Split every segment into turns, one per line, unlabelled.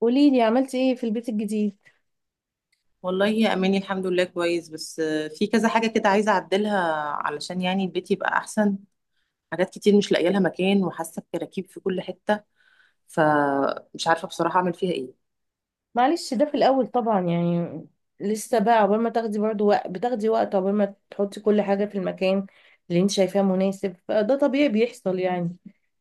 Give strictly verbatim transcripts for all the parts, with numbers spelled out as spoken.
قولي لي عملتي ايه في البيت الجديد؟
والله يا اماني، الحمد لله كويس. بس آه، في كذا حاجه كده عايزه اعدلها، علشان يعني البيت يبقى احسن. حاجات كتير مش لاقيه لها مكان، وحاسه بكراكيب في كل حته، فمش عارفه بصراحه اعمل فيها ايه.
معلش، ده في الاول طبعا يعني لسه بقى. عقبال ما تاخدي برضو وقت، بتاخدي وقت عقبال ما تحطي كل حاجه في المكان اللي انت شايفاه مناسب، فده طبيعي بيحصل يعني.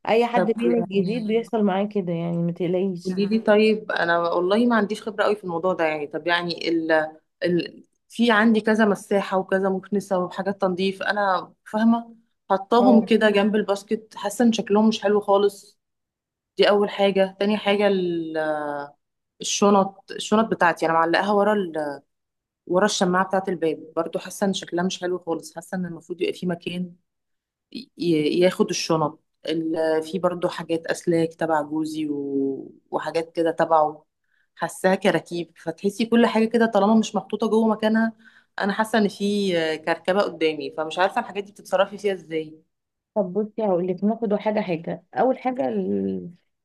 اي حد
طب
بين الجديد
يعني
بيحصل معاه كده، يعني ما تقلقيش.
قولي لي، طيب انا والله ما عنديش خبره قوي في الموضوع ده. يعني طب يعني ال ال في عندي كذا مساحه وكذا مكنسه وحاجات تنظيف، انا فاهمه،
آه.
حطاهم كده جنب الباسكت، حاسه ان شكلهم مش حلو خالص. دي اول حاجه. تاني حاجه، الشنط الشنط بتاعتي انا معلقاها ورا ال... ورا الشماعه بتاعه الباب، برضو حاسه ان شكلها مش حلو خالص، حاسه ان المفروض يبقى في مكان ي... ي- ياخد الشنط. ال... في برضو حاجات اسلاك تبع جوزي و... وحاجات كده تبعه، حاساها كراكيب، فتحسي كل حاجه كده طالما مش محطوطه جوه مكانها. انا حاسه ان في كركبه قدامي، فمش عارفه الحاجات دي بتتصرفي فيها ازاي.
طب بصي هقول لك، ناخد حاجه حاجه. اول حاجه ال-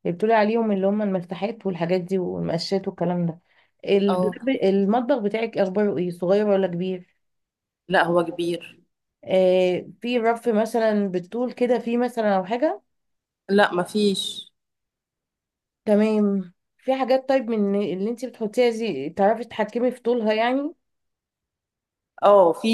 اللي بتقولي عليهم، اللي هم المفتاحات والحاجات دي والمقشات والكلام ده.
اه،
الدولاب- المطبخ بتاعك اخباره ايه، صغير ولا كبير؟
لا هو كبير.
آه، في رف مثلا بالطول كده، في مثلا او حاجه؟
لا مفيش.
تمام، في حاجات. طيب من اللي انت بتحطيها دي، تعرفي تتحكمي في طولها يعني؟
اه، في.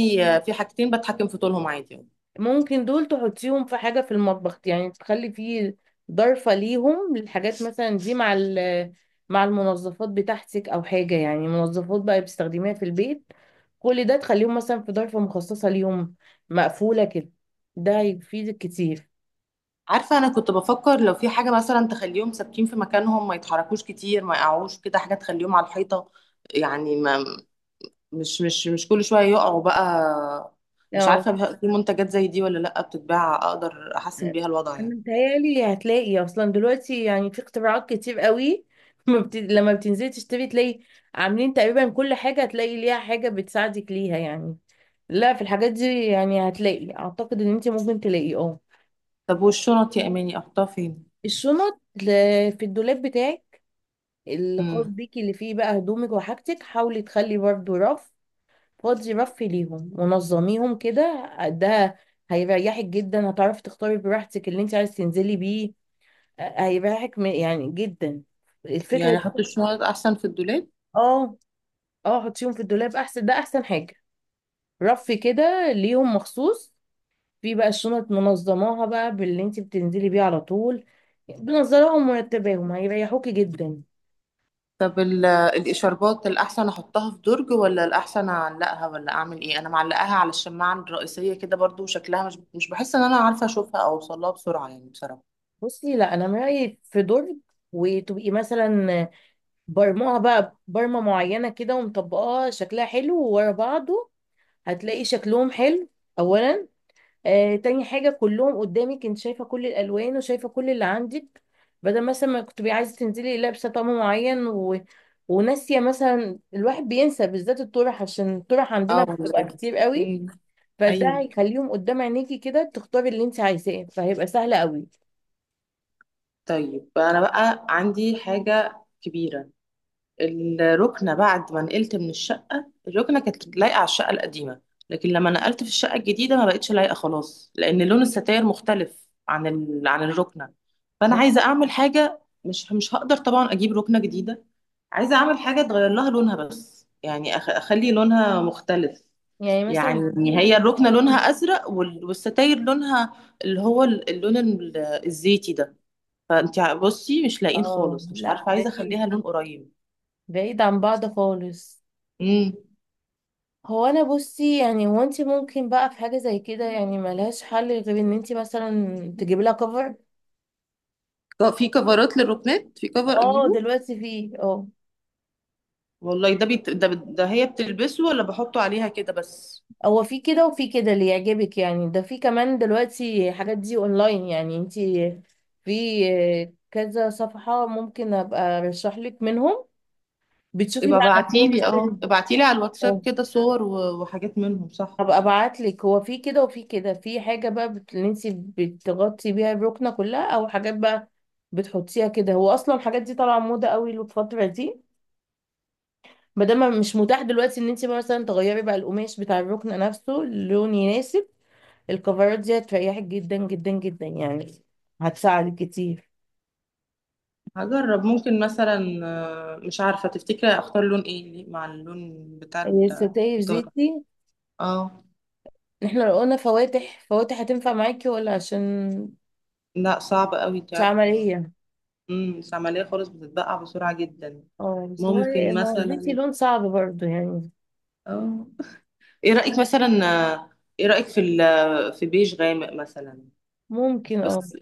في حاجتين بتحكم في طولهم عادي.
ممكن دول تحطيهم في حاجه في المطبخ، يعني تخلي فيه ضرفه ليهم، للحاجات مثلا دي، مع ال- مع المنظفات بتاعتك او حاجه، يعني منظفات بقى بتستخدميها في البيت، كل ده تخليهم مثلا في ضرفه مخصصه ليهم، مقفوله كده. ده هيفيدك كتير.
عارفة، أنا كنت بفكر لو في حاجة مثلا تخليهم ثابتين في مكانهم، ما يتحركوش كتير، ما يقعوش كده، حاجة تخليهم على الحيطة. يعني ما مش مش مش كل شوية يقعوا بقى. مش
اه،
عارفة بقى في منتجات زي دي ولا لأ بتتباع، أقدر أحسن بيها الوضع
انا
يعني.
متهيألي هتلاقي اصلا دلوقتي يعني، في اختراعات كتير قوي ما بت... لما بتنزلي تشتري، تلاقي عاملين تقريبا كل حاجة، هتلاقي ليها حاجة بتساعدك ليها يعني. لا، في الحاجات دي يعني هتلاقي. اعتقد ان انت ممكن تلاقي. اه.
طب والشنط يا إماني أحطها فين؟
الشنط ل- في الدولاب بتاعك الخاص
امم
بيكي، اللي فيه بقى هدومك وحاجتك، حاولي تخلي برضه رف فاضي، رف ليهم، ونظميهم كده. ده هيريحك جدا، هتعرفي تختاري براحتك اللي انت عايز تنزلي بيه. هيبقى حكمة يعني جدا الفكرة
يعني أحط
دي.
الشنط أحسن في الدولاب.
اه. اه، حطيهم في الدولاب احسن، ده احسن حاجة. رف كده ليهم مخصوص، في بقى الشنط منظماها بقى باللي انت بتنزلي بيه على طول، بنظراهم ومرتباهم، هيريحوكي جدا.
طب ال- الاشاربات الاحسن احطها في درج ولا الاحسن اعلقها ولا اعمل ايه؟ انا معلقاها على الشماعه الرئيسيه كده، برضو شكلها مش مش بحس ان انا عارفه اشوفها او اوصلها بسرعه يعني بصراحه.
بصي، لا، انا من رأيي في درج. وتبقي مثلا برموها بقى برمة معينة كده، ومطبقاها، شكلها حلو وورا بعضه، هتلاقي شكلهم حلو اولا. آه، تاني حاجة، كلهم قدامك، انت شايفة كل الألوان وشايفة كل اللي عندك. بدل مثلا ما كنت بقى عايزة تنزلي لابسة طقم معين و... وناسية مثلا. الواحد بينسى بالذات الطرح، عشان الطرح عندنا
اه
بتبقى
والله.
كتير قوي.
أمم،
فده
ايوه.
هيخليهم قدام عينيكي كده، تختاري اللي انت عايزاه، فهيبقى سهل قوي.
طيب انا بقى عندي حاجه كبيره. الركنة بعد ما نقلت من الشقة، الركنة كانت لايقة على الشقة القديمة، لكن لما نقلت في الشقة الجديدة ما بقتش لايقة خلاص، لأن لون الستاير مختلف عن ال... عن الركنة. فأنا عايزة أعمل حاجة. مش مش هقدر طبعا أجيب ركنة جديدة، عايزة أعمل حاجة تغير لها لونها، بس يعني أخ... أخلي لونها مختلف.
يعني مثلا
يعني
تجيبي
هي
ت-
الركنة لونها أزرق وال- والستاير لونها، اللي هو ال- اللون ال- الزيتي ده. فأنت بصي مش لاقين
اه
خالص، مش
لا،
عارفة، عايزة
بعيد.
أخليها لون قريب.
بعيد عن بعض خالص. هو انا بصي يعني، هو انت ممكن بقى في حاجة زي كده، يعني ملهاش حل غير ان انت مثلا تجيبي لها كفر.
ك- في كفرات للركنات؟ في كفر
اه،
اجيبه؟
دلوقتي في. اه،
والله ده بيت... ده, ده هي بتلبسه ولا بحطه عليها كده بس؟
هو في كده وفي كده، اللي يعجبك يعني. ده في كمان دلوقتي حاجات دي اونلاين يعني، انتي في آه، كذا صفحة، ممكن ابقى ارشح لك منهم، بتشوفي
يبقى
بقى عندهم
ابعتيلي،
كل ال-
اه ابعتيلي على الواتساب
اه.
كده صور و- وحاجات منهم، صح.
هبقى ابعت لك، هو في كده وفي كده، في حاجة بقى بت... اللي انتي بتغطي بيها الركنة كلها، او حاجات بقى بتحطيها كده. هو اصلا الحاجات دي طالعة موضة قوي الفترة دي. ما دام مش متاح دلوقتي ان انت مثلا تغيري بقى القماش بتاع الركن نفسه لون يناسب، الكفرات دي هتريحك جدا جدا جدا يعني، هتساعدك كتير.
هجرب. ممكن مثلا آه، مش عارفة، تفتكري اختار لون ايه مع اللون بتاع
الستاير
الدار؟
زيتي.
اه.
احنا لو قلنا فواتح فواتح، هتنفع معاكي ولا؟ عشان
لا صعب قوي، انت
مش
عارفة.
عملية.
امم العملية خالص بتتبقع بسرعة جدا.
اه، بس هو
ممكن
ما هو الزيتي
مثلا.
لون صعب برضو يعني.
اه. ايه رأيك مثلا، آه، ايه رأيك في ال... في بيج غامق مثلا؟
ممكن اه.
بس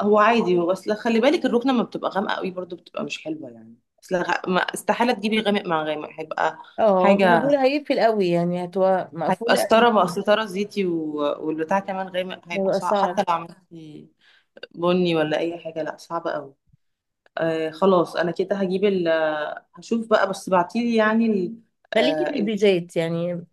هو عادي، هو اصل خلي بالك الركنه ما بتبقى غامقه قوي برضو بتبقى مش حلوه يعني. اصل غ... ما استحاله تجيبي غامق مع غامق، هيبقى
اه، ما انا بقول
حاجه.
هيقفل قوي يعني، هتبقى
هيبقى
مقفولة قوي،
استاره، بقى استاره زيتي و... والبتاع كمان غامق، هيبقى
هيبقى
صعب
صعب.
حتى لو عملتي بني ولا اي حاجه، لا صعبه قوي. آه خلاص، انا كده هجيب ال... هشوف بقى، بس بعتيلي يعني ال...
خليكي
آه
في
ال...
البيجات يعني،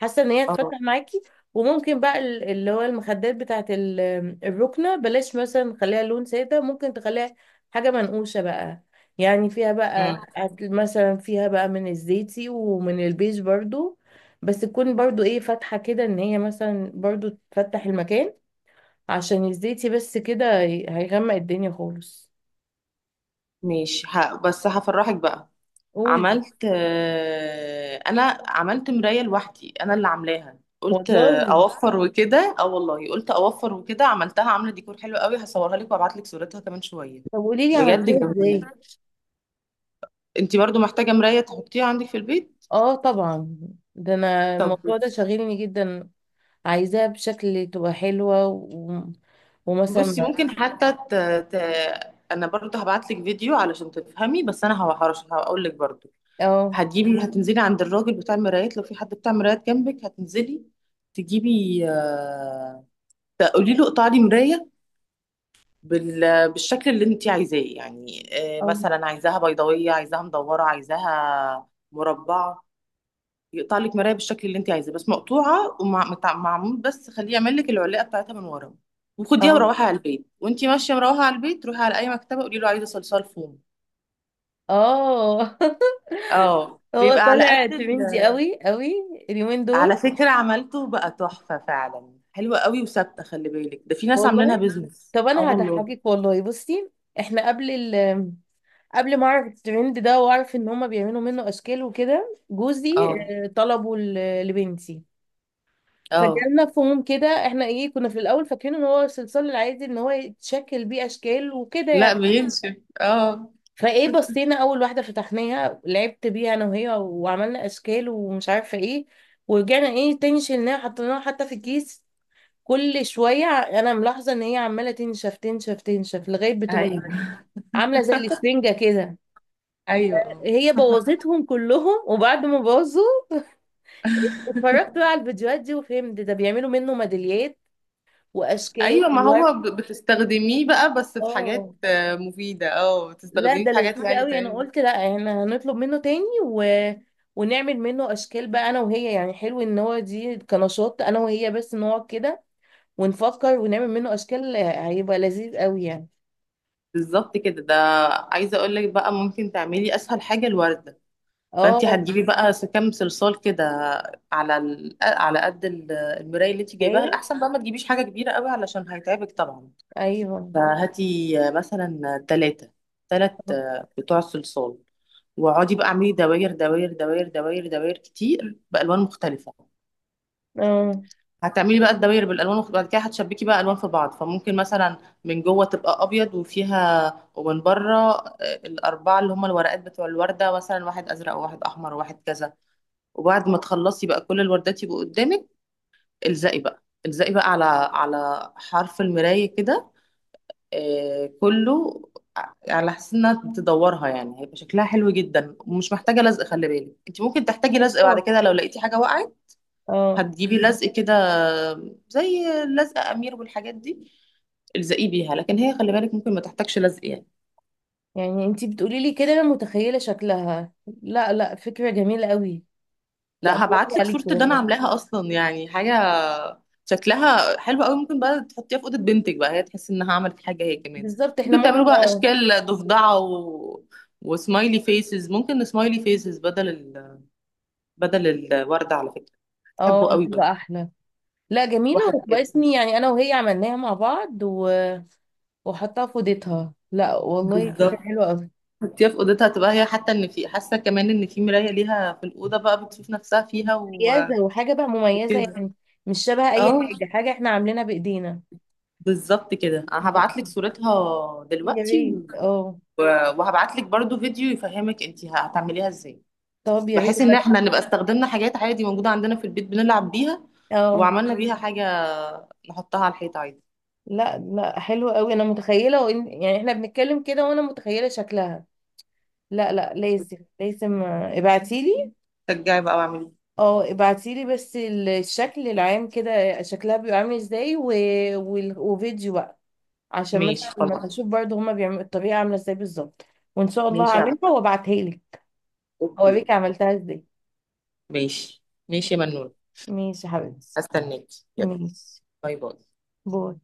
حاسه ان هي
اه.
هتفتح معاكي. وممكن بقى ال- اللي هو المخدات بتاعت ال- الركنه، بلاش مثلا خليها لون ساده، ممكن تخليها حاجه منقوشه بقى، يعني فيها بقى
مم.
هت- مثلا فيها بقى من الزيتي ومن البيج برضو، بس تكون برضو ايه فاتحه كده، ان هي مثلا برضو تفتح المكان. عشان الزيتي بس كده هي- هيغمق الدنيا خالص.
ماشي ه... بس هفرحك بقى.
قولي.
عملت، آه، انا عملت مرايه لوحدي، انا اللي عاملاها، قلت آه،
والله،
اوفر وكده. اه والله، قلت اوفر وكده، عملتها، عامله ديكور حلو قوي، هصورها لك وابعت لك صورتها كمان شويه.
طب قولي لي
بجد
عملتيها
جميله.
ازاي؟
انت برضو محتاجه مرايه تحطيها عندك في البيت.
اه، طبعا، ده انا
طب
الموضوع ده شاغلني جدا. عايزاها بشكل تبقى حلوة و... ومثلا.
بصي، ممكن حتى ت... ت... انا برضو هبعت لك فيديو علشان تفهمي، بس انا هحرش هقول لك برضو.
اه.
هتجيبي، هتنزلي عند الراجل بتاع المرايات، لو في حد بتاع مرايات جنبك، هتنزلي تجيبي، آه، فقولي له اقطع لي مرايه بال- بالشكل اللي انت عايزاه يعني. آه،
اه.
مثلا عايزاها بيضاويه، عايزاها مدوره، عايزاها مربعه. يقطع لك مرايه بالشكل اللي انت عايزاه بس مقطوعه ومعمول، بس خليه يعمل لك العلاقه بتاعتها من ورا. وخديها
اه.
وروحي على البيت، وانت ماشيه مروحه على البيت، روحي على اي مكتبه قولي له عايزه صلصال فوم.
اه
اه
هو
بيبقى على
طالع
قد ال...
ترندي قوي قوي اليومين
على
دول.
فكره عملته بقى تحفه فعلا، حلوه قوي وثابته، خلي بالك ده في ناس عاملينها
والله،
بيزنس،
طب
اه
انا
والله.
هضحكك، والله بصي. احنا قبل ال قبل ما اعرف الترند ده واعرف ان هما بيعملوا منه اشكال وكده، جوزي
اه.
آه، طلبه ل- لبنتي.
اه،
فجالنا فهم كده، احنا ايه كنا في الاول فاكرين ان هو الصلصال العادي، ان هو يتشكل بيه اشكال وكده
لا
يعني.
بينشف. اه.
فايه بصينا اول واحده، فتحناها، لعبت بيها انا وهي، وعملنا اشكال ومش عارفه ايه. ورجعنا ايه تاني، شلناها حطيناها حتى في الكيس. كل شويه ع- انا ملاحظه ان هي عماله تنشف تنشف تنشف، لغايه بتبقى
ايوه.
عامله زي الاسفنجه كده.
ايوه. اه
هي بوظتهم كلهم. وبعد ما باظوا، اتفرجت بقى على الفيديوهات دي، وفهمت ده بيعملوا منه ميداليات واشكال
ايوه، ما هو
وورد.
ب- بتستخدميه بقى، بس في حاجات
اه.
آه، مفيده، اه
لا،
بتستخدميه
ده
في حاجات
لذيذ
يعني
قوي. انا
تعمل.
قلت لا، احنا هنطلب منه تاني، و... ونعمل منه اشكال بقى انا وهي، يعني حلو ان هو دي كنشاط انا وهي، بس نقعد كده ونفكر ونعمل منه اشكال، هيبقى لذيذ قوي يعني.
بالظبط كده، ده عايزه اقول لك بقى ممكن تعملي اسهل حاجه الورده. فانت
اه.
هتجيبي بقى س- كام صلصال كده، على ال... على قد ال- المرايه اللي انت جايباها.
فاهم.
الاحسن بقى ما تجيبيش حاجه كبيره قوي علشان هيتعبك طبعا.
ايوه.
فهاتي آه، مثلا ثلاثه ثلاث بتوع الصلصال. واقعدي بقى اعملي دواير دواير دواير دواير دواير كتير بالوان مختلفه.
اه.
هتعملي بقى الدواير بالالوان المخت- بعد كده هتشبكي بقى الوان في بعض، فممكن مثلا من جوه تبقى ابيض وفيها، ومن بره آه، الاربعه اللي هم الورقات بتوع الورده، مثلا واحد ازرق وواحد احمر وواحد كذا. وبعد ما تخلصي بقى كل الوردات يبقوا قدامك، الزقي بقى الزقي بقى على على حرف المرايه كده، آه، كله على حسب انها تدورها يعني. هيبقى شكلها حلو جدا، ومش محتاجه لزق. خلي بالك انت ممكن تحتاجي لزق بعد
اه.
كده لو لقيتي حاجه وقعت.
آه.
هتجيبي لزق كده، زي لزق امير والحاجات دي، الزقيه بيها. لكن هي خلي بالك ممكن ما تحتاجش لزق يعني.
يعني انتي بتقولي لي كده، انا متخيله شكلها. لا لا، فكره جميله قوي.
ده
لا، برافو
هبعت لك صوره
عليكي
اللي انا
والله.
عاملاها اصلا، يعني حاجه شكلها حلو قوي. ممكن بقى تحطيها في اوضه بنتك، بقى هي تحس انها عملت حاجه هي كمان.
بالظبط، احنا
ممكن تعملوا
ممكن.
بقى
اه.
اشكال ضفدعه و... وسمايلي فيسز، ممكن سمايلي فيسز بدل بدل الورد على فكرة. بحبه
اه،
قوي برضه.
تبقى احلى. لا، جميله،
واحد.
وتبقى اسمي يعني انا وهي عملناها مع بعض و... وحطها في اوضتها. لا والله، فكرة
بالظبط.
حلوة قوي.
حطيها في اوضتها، تبقى هي حتى ان في حاسه كمان ان في مرايه ليها في الاوضه، بقى بتشوف نفسها فيها و-
مميزة، وحاجة بقى مميزة
وكده.
يعني، مش شبه أي
اه
حاجة، حاجة احنا عاملينها بإيدينا.
بالظبط كده، انا
لا،
هبعت لك صورتها
يا
دلوقتي
ريت
و...
اه.
وهبعت لك برضو فيديو يفهمك انت هتعمليها ازاي،
طب يا ريت
بحيث ان احنا
أنا-
نبقى استخدمنا حاجات عادي موجوده عندنا في البيت بنلعب بيها
اه.
وعملنا بيها حاجه نحطها على الحيط عادي.
لا لا، حلوة قوي. أنا متخيلة، وإن يعني احنا بنتكلم كده وأنا متخيلة شكلها. لا لا، لازم لازم، آه، ابعتيلي.
شجعي بقى واعملي.
اه، ابعتيلي بس ال- الشكل العام كده شكلها بيبقى عامل ازاي، و... وال- وفيديو، عشان مثلا
ماشي خلاص.
اشوف برضو هما بيعملوا الطريقه عامله ازاي بالظبط. وان شاء الله
ماشي يا
هعملها
بابا.
وابعتها لك.
اوكي.
اوريك عملتها ازاي.
ماشي ماشي يا منون.
ماشي يا حبيبتي.
استناك. يلا.
ماشي،
باي باي.
باي.